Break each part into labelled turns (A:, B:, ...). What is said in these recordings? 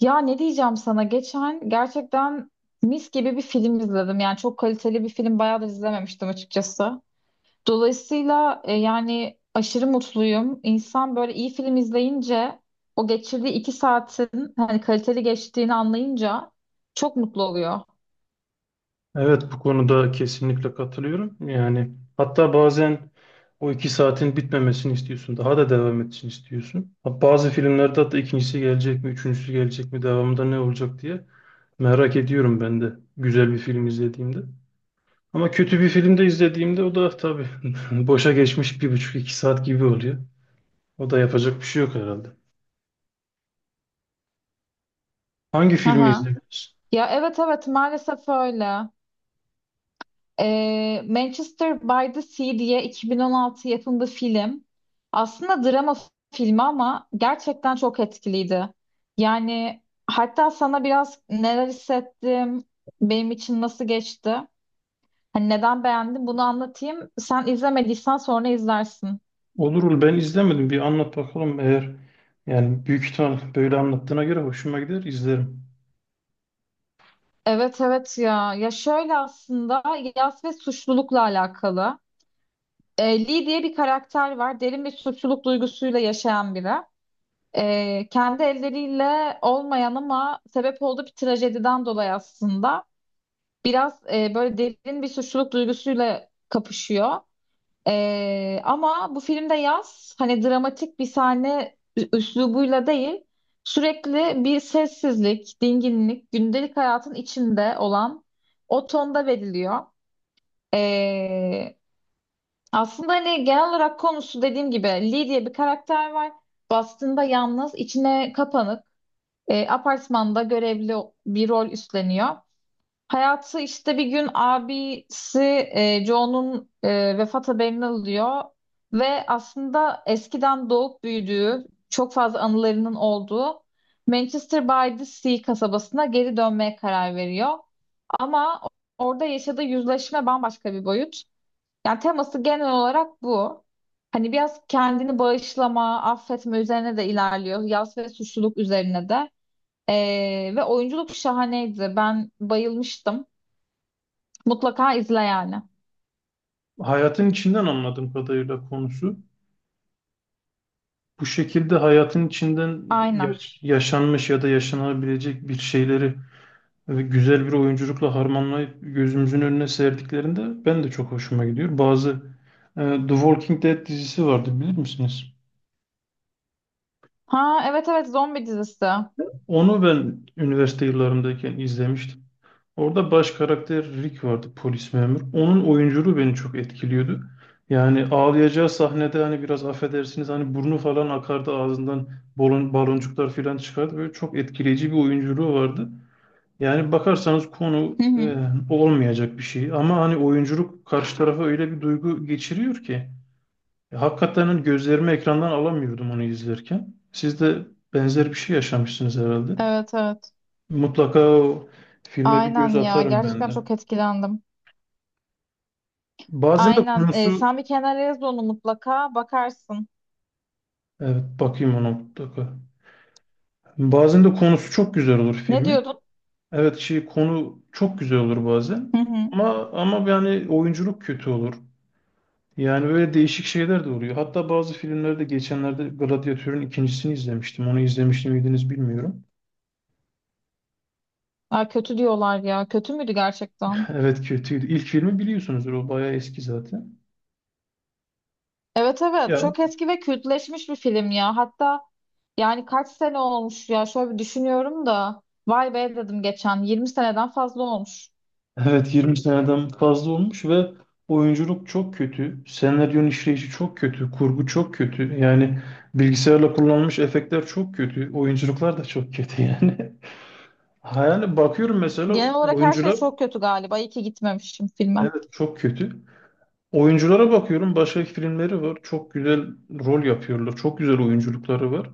A: Ya, ne diyeceğim sana? Geçen gerçekten mis gibi bir film izledim. Yani çok kaliteli bir film bayağıdır izlememiştim açıkçası. Dolayısıyla yani aşırı mutluyum. İnsan böyle iyi film izleyince o geçirdiği iki saatin hani kaliteli geçtiğini anlayınca çok mutlu oluyor.
B: Evet, bu konuda kesinlikle katılıyorum. Yani hatta bazen o 2 saatin bitmemesini istiyorsun. Daha da devam etsin istiyorsun. Ha, bazı filmlerde hatta ikincisi gelecek mi, üçüncüsü gelecek mi, devamında ne olacak diye merak ediyorum ben de güzel bir film izlediğimde. Ama kötü bir film de izlediğimde o da tabii boşa geçmiş bir buçuk iki saat gibi oluyor. O da yapacak bir şey yok herhalde. Hangi
A: Hı
B: filmi
A: hı.
B: izlediniz?
A: Ya, evet, evet, maalesef öyle. Manchester by the Sea diye 2016 yapımı film. Aslında drama filmi ama gerçekten çok etkiliydi. Yani hatta sana biraz neler hissettim, benim için nasıl geçti, hani neden beğendim bunu anlatayım. Sen izlemediysen sonra izlersin.
B: Olurul, ben izlemedim. Bir anlat bakalım, eğer yani büyük ihtimal böyle anlattığına göre hoşuma gider izlerim.
A: Evet, evet, ya. Ya, şöyle aslında yas ve suçlulukla alakalı. Lee diye bir karakter var. Derin bir suçluluk duygusuyla yaşayan biri. Kendi elleriyle olmayan ama sebep olduğu bir trajediden dolayı aslında biraz böyle derin bir suçluluk duygusuyla kapışıyor. Ama bu filmde Yaz hani dramatik bir sahne üslubuyla değil sürekli bir sessizlik, dinginlik, gündelik hayatın içinde olan o tonda veriliyor. E, Aslında hani genel olarak konusu dediğim gibi Lee diye bir karakter var. Bastığında yalnız, içine kapanık. Apartmanda görevli bir rol üstleniyor. Hayatı işte bir gün abisi Joe'nun vefat haberini alıyor ve aslında eskiden doğup büyüdüğü, çok fazla anılarının olduğu Manchester by the Sea kasabasına geri dönmeye karar veriyor. Ama orada yaşadığı yüzleşme bambaşka bir boyut. Yani teması genel olarak bu. Hani biraz kendini bağışlama, affetme üzerine de ilerliyor. Yas ve suçluluk üzerine de. Ve oyunculuk şahaneydi. Ben bayılmıştım. Mutlaka izle yani.
B: Hayatın içinden, anladığım kadarıyla konusu. Bu şekilde hayatın içinden
A: Aynen.
B: yaşanmış ya da yaşanabilecek bir şeyleri güzel bir oyunculukla harmanlayıp gözümüzün önüne serdiklerinde ben de çok hoşuma gidiyor. Bazı e, The Walking Dead dizisi vardı, bilir misiniz?
A: Ha, evet, evet, zombi dizisi. Hı
B: Onu ben üniversite yıllarımdayken izlemiştim. Orada baş karakter Rick vardı, polis memur. Onun oyunculuğu beni çok etkiliyordu. Yani ağlayacağı sahnede hani biraz affedersiniz hani burnu falan akardı, ağzından balon, baloncuklar falan çıkardı. Böyle çok etkileyici bir oyunculuğu vardı. Yani bakarsanız konu
A: hı.
B: olmayacak bir şey ama hani oyunculuk karşı tarafa öyle bir duygu geçiriyor ki. Hakikaten hani gözlerimi ekrandan alamıyordum onu izlerken. Siz de benzer bir şey yaşamışsınız herhalde.
A: Evet, evet.
B: Mutlaka o filme bir
A: Aynen
B: göz
A: ya.
B: atarım ben
A: Gerçekten
B: de.
A: çok etkilendim.
B: Bazen de
A: Aynen.
B: konusu.
A: Sen bir kenara yaz onu, mutlaka bakarsın.
B: Evet, bakayım ona mutlaka. Bazen de konusu çok güzel olur
A: Ne
B: filmin.
A: diyordun?
B: Evet, şey, konu çok güzel olur bazen.
A: Hı hı.
B: Ama yani oyunculuk kötü olur. Yani böyle değişik şeyler de oluyor. Hatta bazı filmlerde geçenlerde Gladyatör'ün ikincisini izlemiştim. Onu izlemiş miydiniz bilmiyorum.
A: Aa, kötü diyorlar ya. Kötü müydü gerçekten?
B: Evet, kötüydü. İlk filmi biliyorsunuzdur. O bayağı eski zaten.
A: Evet, evet.
B: Ya,
A: Çok eski ve kültleşmiş bir film ya. Hatta yani kaç sene olmuş ya. Şöyle bir düşünüyorum da. Vay be, dedim geçen. 20 seneden fazla olmuş.
B: evet, 20 seneden fazla olmuş ve oyunculuk çok kötü. Senaryonun işleyişi çok kötü. Kurgu çok kötü. Yani bilgisayarla kullanılmış efektler çok kötü. Oyunculuklar da çok kötü yani. Yani bakıyorum mesela
A: Genel olarak her şey
B: oyuncular,
A: çok kötü galiba. İyi ki gitmemişim filme.
B: evet, çok kötü. Oyunculara bakıyorum. Başka filmleri var. Çok güzel rol yapıyorlar. Çok güzel oyunculukları var.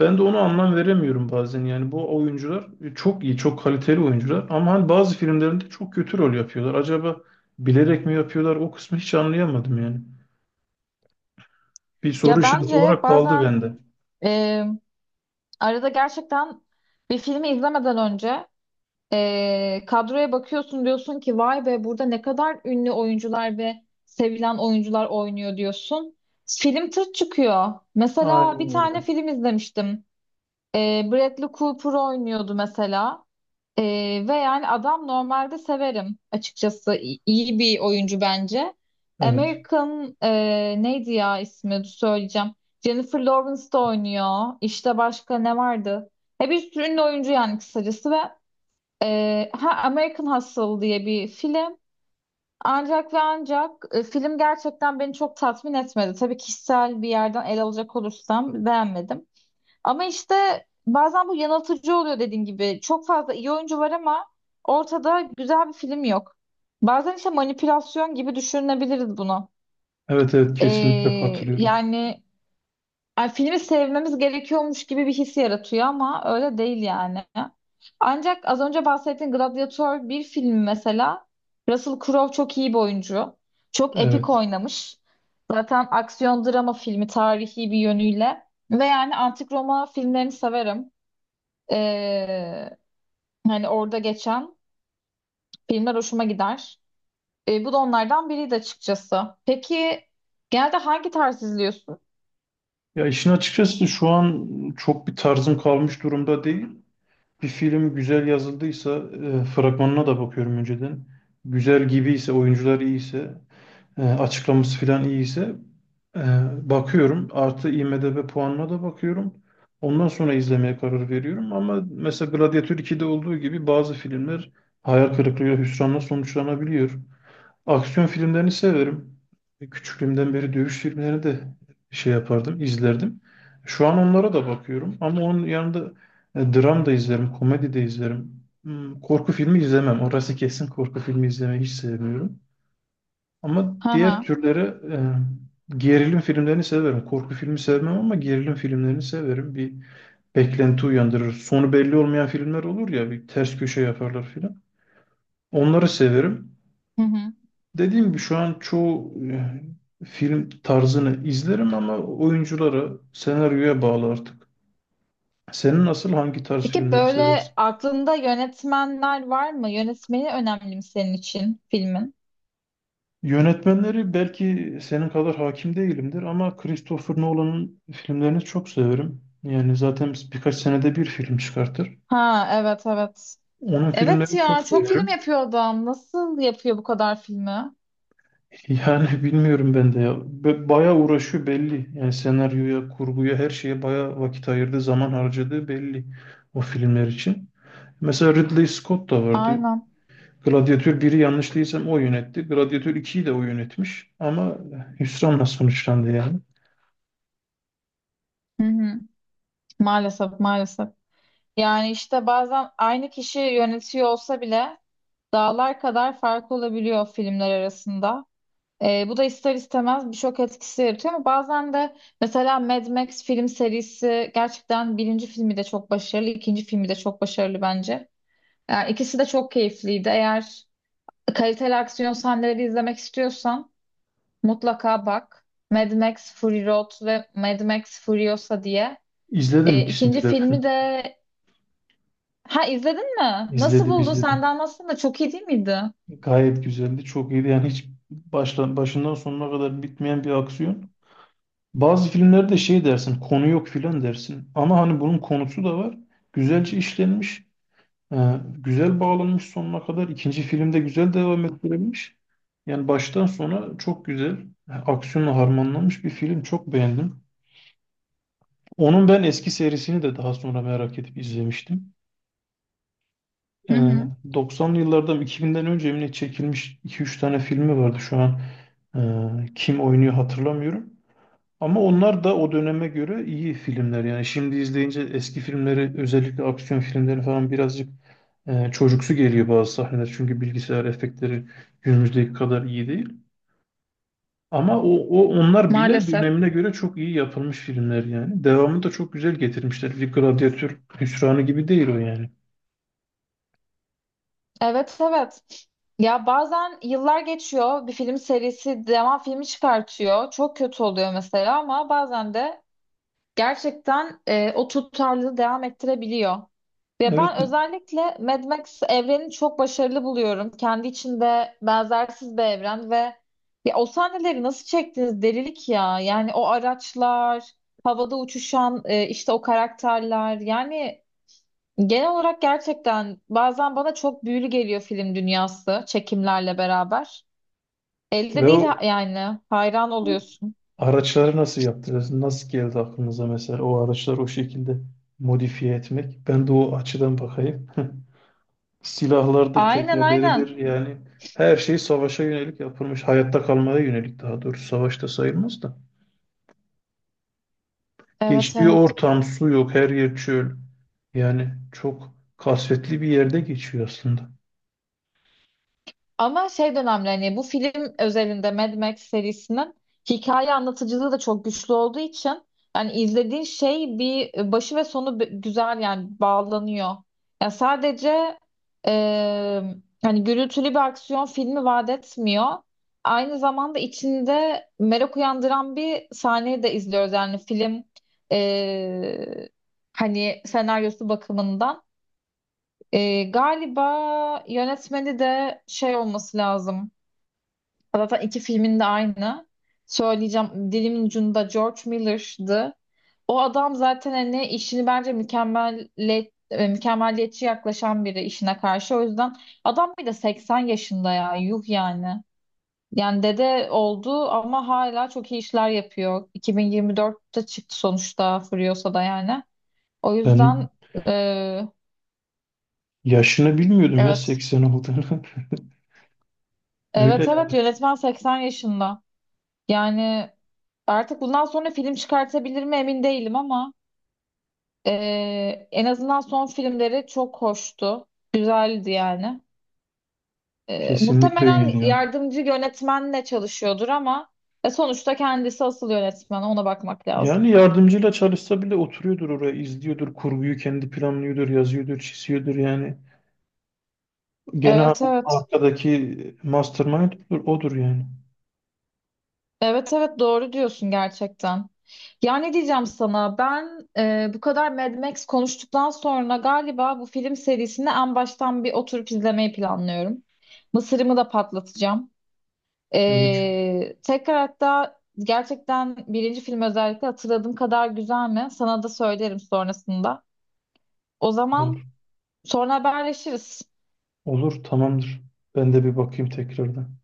B: Ben de ona anlam veremiyorum bazen. Yani bu oyuncular çok iyi, çok kaliteli oyuncular. Ama hani bazı filmlerinde çok kötü rol yapıyorlar. Acaba bilerek mi yapıyorlar? O kısmı hiç anlayamadım yani. Bir soru
A: Ya,
B: işareti
A: bence
B: olarak kaldı
A: bazen
B: bende.
A: e, arada gerçekten bir filmi izlemeden önce kadroya bakıyorsun, diyorsun ki vay be burada ne kadar ünlü oyuncular ve sevilen oyuncular oynuyor, diyorsun. Film tırt çıkıyor. Mesela bir
B: Aynen
A: tane
B: öyle.
A: film izlemiştim. Bradley Cooper oynuyordu mesela. Ve yani adam normalde severim açıkçası. İyi bir oyuncu bence.
B: Evet.
A: American neydi ya ismi? Dur, söyleyeceğim. Jennifer Lawrence da oynuyor. İşte başka ne vardı? Bir sürü ünlü oyuncu yani, kısacası. Ve ha, American Hustle diye bir film. Ancak ve ancak film gerçekten beni çok tatmin etmedi. Tabii kişisel bir yerden ele alacak olursam beğenmedim. Ama işte bazen bu yanıltıcı oluyor, dediğin gibi. Çok fazla iyi oyuncu var ama ortada güzel bir film yok. Bazen işte manipülasyon gibi düşünebiliriz bunu.
B: Evet, evet, kesinlikle
A: Ee,
B: katılıyorum.
A: Yani, ay, filmi sevmemiz gerekiyormuş gibi bir his yaratıyor ama öyle değil yani. Ancak az önce bahsettiğin Gladiator bir film mesela. Russell Crowe çok iyi bir oyuncu. Çok epik
B: Evet.
A: oynamış. Zaten aksiyon drama filmi, tarihi bir yönüyle. Ve yani antik Roma filmlerini severim. Ee, Hani orada geçen filmler hoşuma gider. Bu da onlardan biriydi açıkçası. Peki genelde hangi tarz izliyorsun?
B: Ya, işin açıkçası şu an çok bir tarzım kalmış durumda değil. Bir film güzel yazıldıysa fragmanına da bakıyorum önceden. Güzel gibiyse, oyuncular iyiyse, açıklaması falan iyiyse, e, bakıyorum. Artı IMDb puanına da bakıyorum. Ondan sonra izlemeye karar veriyorum. Ama mesela Gladiator 2'de olduğu gibi bazı filmler hayal kırıklığı, hüsranla sonuçlanabiliyor. Aksiyon filmlerini severim. Küçüklüğümden beri dövüş filmlerini de şey yapardım, izlerdim. Şu an onlara da bakıyorum ama onun yanında dram da izlerim, komedi de izlerim. Korku filmi izlemem. Orası kesin, korku filmi izlemeyi hiç sevmiyorum. Ama
A: Hı
B: diğer
A: hı.
B: türlere gerilim filmlerini severim. Korku filmi sevmem ama gerilim filmlerini severim. Bir beklenti uyandırır. Sonu belli olmayan filmler olur ya, bir ters köşe yaparlar filan. Onları severim.
A: Hı hı.
B: Dediğim gibi şu an çoğu film tarzını izlerim ama oyunculara, senaryoya bağlı artık. Senin nasıl, hangi tarz
A: Peki,
B: filmleri
A: böyle
B: seversin?
A: aklında yönetmenler var mı? Yönetmeni önemli mi senin için filmin?
B: Yönetmenleri belki senin kadar hakim değilimdir ama Christopher Nolan'ın filmlerini çok severim. Yani zaten biz birkaç senede bir film çıkartır.
A: Ha, evet, evet.
B: Onun
A: Evet
B: filmlerini
A: ya,
B: çok
A: çok film
B: severim.
A: yapıyor adam. Nasıl yapıyor bu kadar filmi?
B: Yani bilmiyorum ben de ya. Bayağı uğraşıyor belli. Yani senaryoya, kurguya, her şeye bayağı vakit ayırdı, zaman harcadığı belli o filmler için. Mesela Ridley Scott da vardı.
A: Aynen.
B: Gladiator biri, yanlış değilsem o yönetti. Gladiator ikiyi de o yönetmiş. Ama hüsranla sonuçlandı yani.
A: Hı hı. Maalesef, maalesef. Yani işte bazen aynı kişi yönetiyor olsa bile dağlar kadar fark olabiliyor filmler arasında. Bu da ister istemez bir şok etkisi yaratıyor ama bazen de mesela Mad Max film serisi, gerçekten birinci filmi de çok başarılı, ikinci filmi de çok başarılı bence. Yani ikisi de çok keyifliydi. Eğer kaliteli aksiyon sahneleri izlemek istiyorsan mutlaka bak. Mad Max Fury Road ve Mad Max Furiosa diye.
B: İzledim
A: İkinci
B: ikisini de ben.
A: filmi de, ha, izledin mi? Nasıl
B: İzledim
A: buldun? Sen
B: izledim.
A: de anlatsana, da çok iyi değil miydi?
B: Gayet güzeldi. Çok iyiydi. Yani hiç başla, başından sonuna kadar bitmeyen bir aksiyon. Bazı filmlerde şey dersin, konu yok filan dersin. Ama hani bunun konusu da var. Güzelce işlenmiş. Güzel bağlanmış sonuna kadar. İkinci filmde güzel devam ettirilmiş. Yani baştan sona çok güzel, aksiyonla harmanlanmış bir film. Çok beğendim. Onun ben eski serisini de daha sonra merak edip izlemiştim.
A: Hı
B: Ee,
A: hı.
B: 90'lı yıllardan 2000'den önce mi çekilmiş 2-3 tane filmi vardı şu an. Kim oynuyor hatırlamıyorum. Ama onlar da o döneme göre iyi filmler. Yani şimdi izleyince eski filmleri, özellikle aksiyon filmleri falan birazcık çocuksu geliyor bazı sahneler. Çünkü bilgisayar efektleri günümüzdeki kadar iyi değil. Ama o onlar bile
A: Maalesef.
B: dönemine göre çok iyi yapılmış filmler yani. Devamını da çok güzel getirmişler. Bir gladyatör hüsranı gibi değil o yani.
A: Evet, evet. Ya, bazen yıllar geçiyor, bir film serisi devam filmi çıkartıyor. Çok kötü oluyor mesela ama bazen de gerçekten o tutarlılığı devam ettirebiliyor. Ve
B: Evet,
A: ben özellikle Mad Max evrenini çok başarılı buluyorum. Kendi içinde benzersiz bir evren ve ya o sahneleri nasıl çektiniz, delilik ya. Yani o araçlar, havada uçuşan işte o karakterler. Yani genel olarak gerçekten bazen bana çok büyülü geliyor film dünyası çekimlerle beraber. Elde
B: ve
A: değil,
B: o,
A: yani hayran
B: o
A: oluyorsun.
B: araçları nasıl yaptınız? Nasıl geldi aklınıza mesela o araçları o şekilde modifiye etmek? Ben de o açıdan bakayım. Silahlardır,
A: Aynen, aynen.
B: tekerleridir, yani her şey savaşa yönelik yapılmış. Hayatta kalmaya yönelik daha doğrusu, savaşta sayılmaz da.
A: Evet,
B: Geçtiği
A: evet.
B: ortam su yok, her yer çöl. Yani çok kasvetli bir yerde geçiyor aslında.
A: Ama şey dönemli hani, bu film özelinde Mad Max serisinin hikaye anlatıcılığı da çok güçlü olduğu için hani izlediğin şey bir başı ve sonu güzel yani bağlanıyor. Ya sadece e, hani gürültülü bir aksiyon filmi vaat etmiyor. Aynı zamanda içinde merak uyandıran bir sahneyi de izliyoruz. Yani film e, hani senaryosu bakımından. Galiba yönetmeni de şey olması lazım. Zaten iki filmin de aynı. Söyleyeceğim dilimin ucunda, George Miller'dı. O adam zaten hani işini bence mükemmeliyetçi yaklaşan biri işine karşı. O yüzden adam bir de 80 yaşında ya, yuh yani. Yani dede oldu ama hala çok iyi işler yapıyor. 2024'te çıktı sonuçta Furiosa'da yani. O yüzden
B: Ben
A: e,
B: yaşını bilmiyordum ya,
A: evet.
B: 80 olduğunu. Öyle
A: Evet, evet,
B: yani.
A: yönetmen 80 yaşında. Yani artık bundan sonra film çıkartabilir mi emin değilim ama en azından son filmleri çok hoştu. Güzeldi yani.
B: Kesinlikle
A: Muhtemelen
B: öyle ya.
A: yardımcı yönetmenle çalışıyordur ama sonuçta kendisi asıl yönetmen. Ona bakmak lazım.
B: Yani yardımcıyla çalışsa bile oturuyordur oraya, izliyordur, kurguyu kendi planlıyordur, yazıyordur, çiziyordur yani. Gene
A: Evet, evet.
B: arkadaki mastermind odur odur yani.
A: Evet, evet, doğru diyorsun gerçekten. Ya ne diyeceğim sana? Ben bu kadar Mad Max konuştuktan sonra galiba bu film serisini en baştan bir oturup izlemeyi planlıyorum. Mısırımı da patlatacağım.
B: Müthiş.
A: Tekrar hatta, gerçekten birinci film özellikle hatırladığım kadar güzel mi? Sana da söylerim sonrasında. O zaman sonra haberleşiriz.
B: Olur, tamamdır. Ben de bir bakayım tekrardan.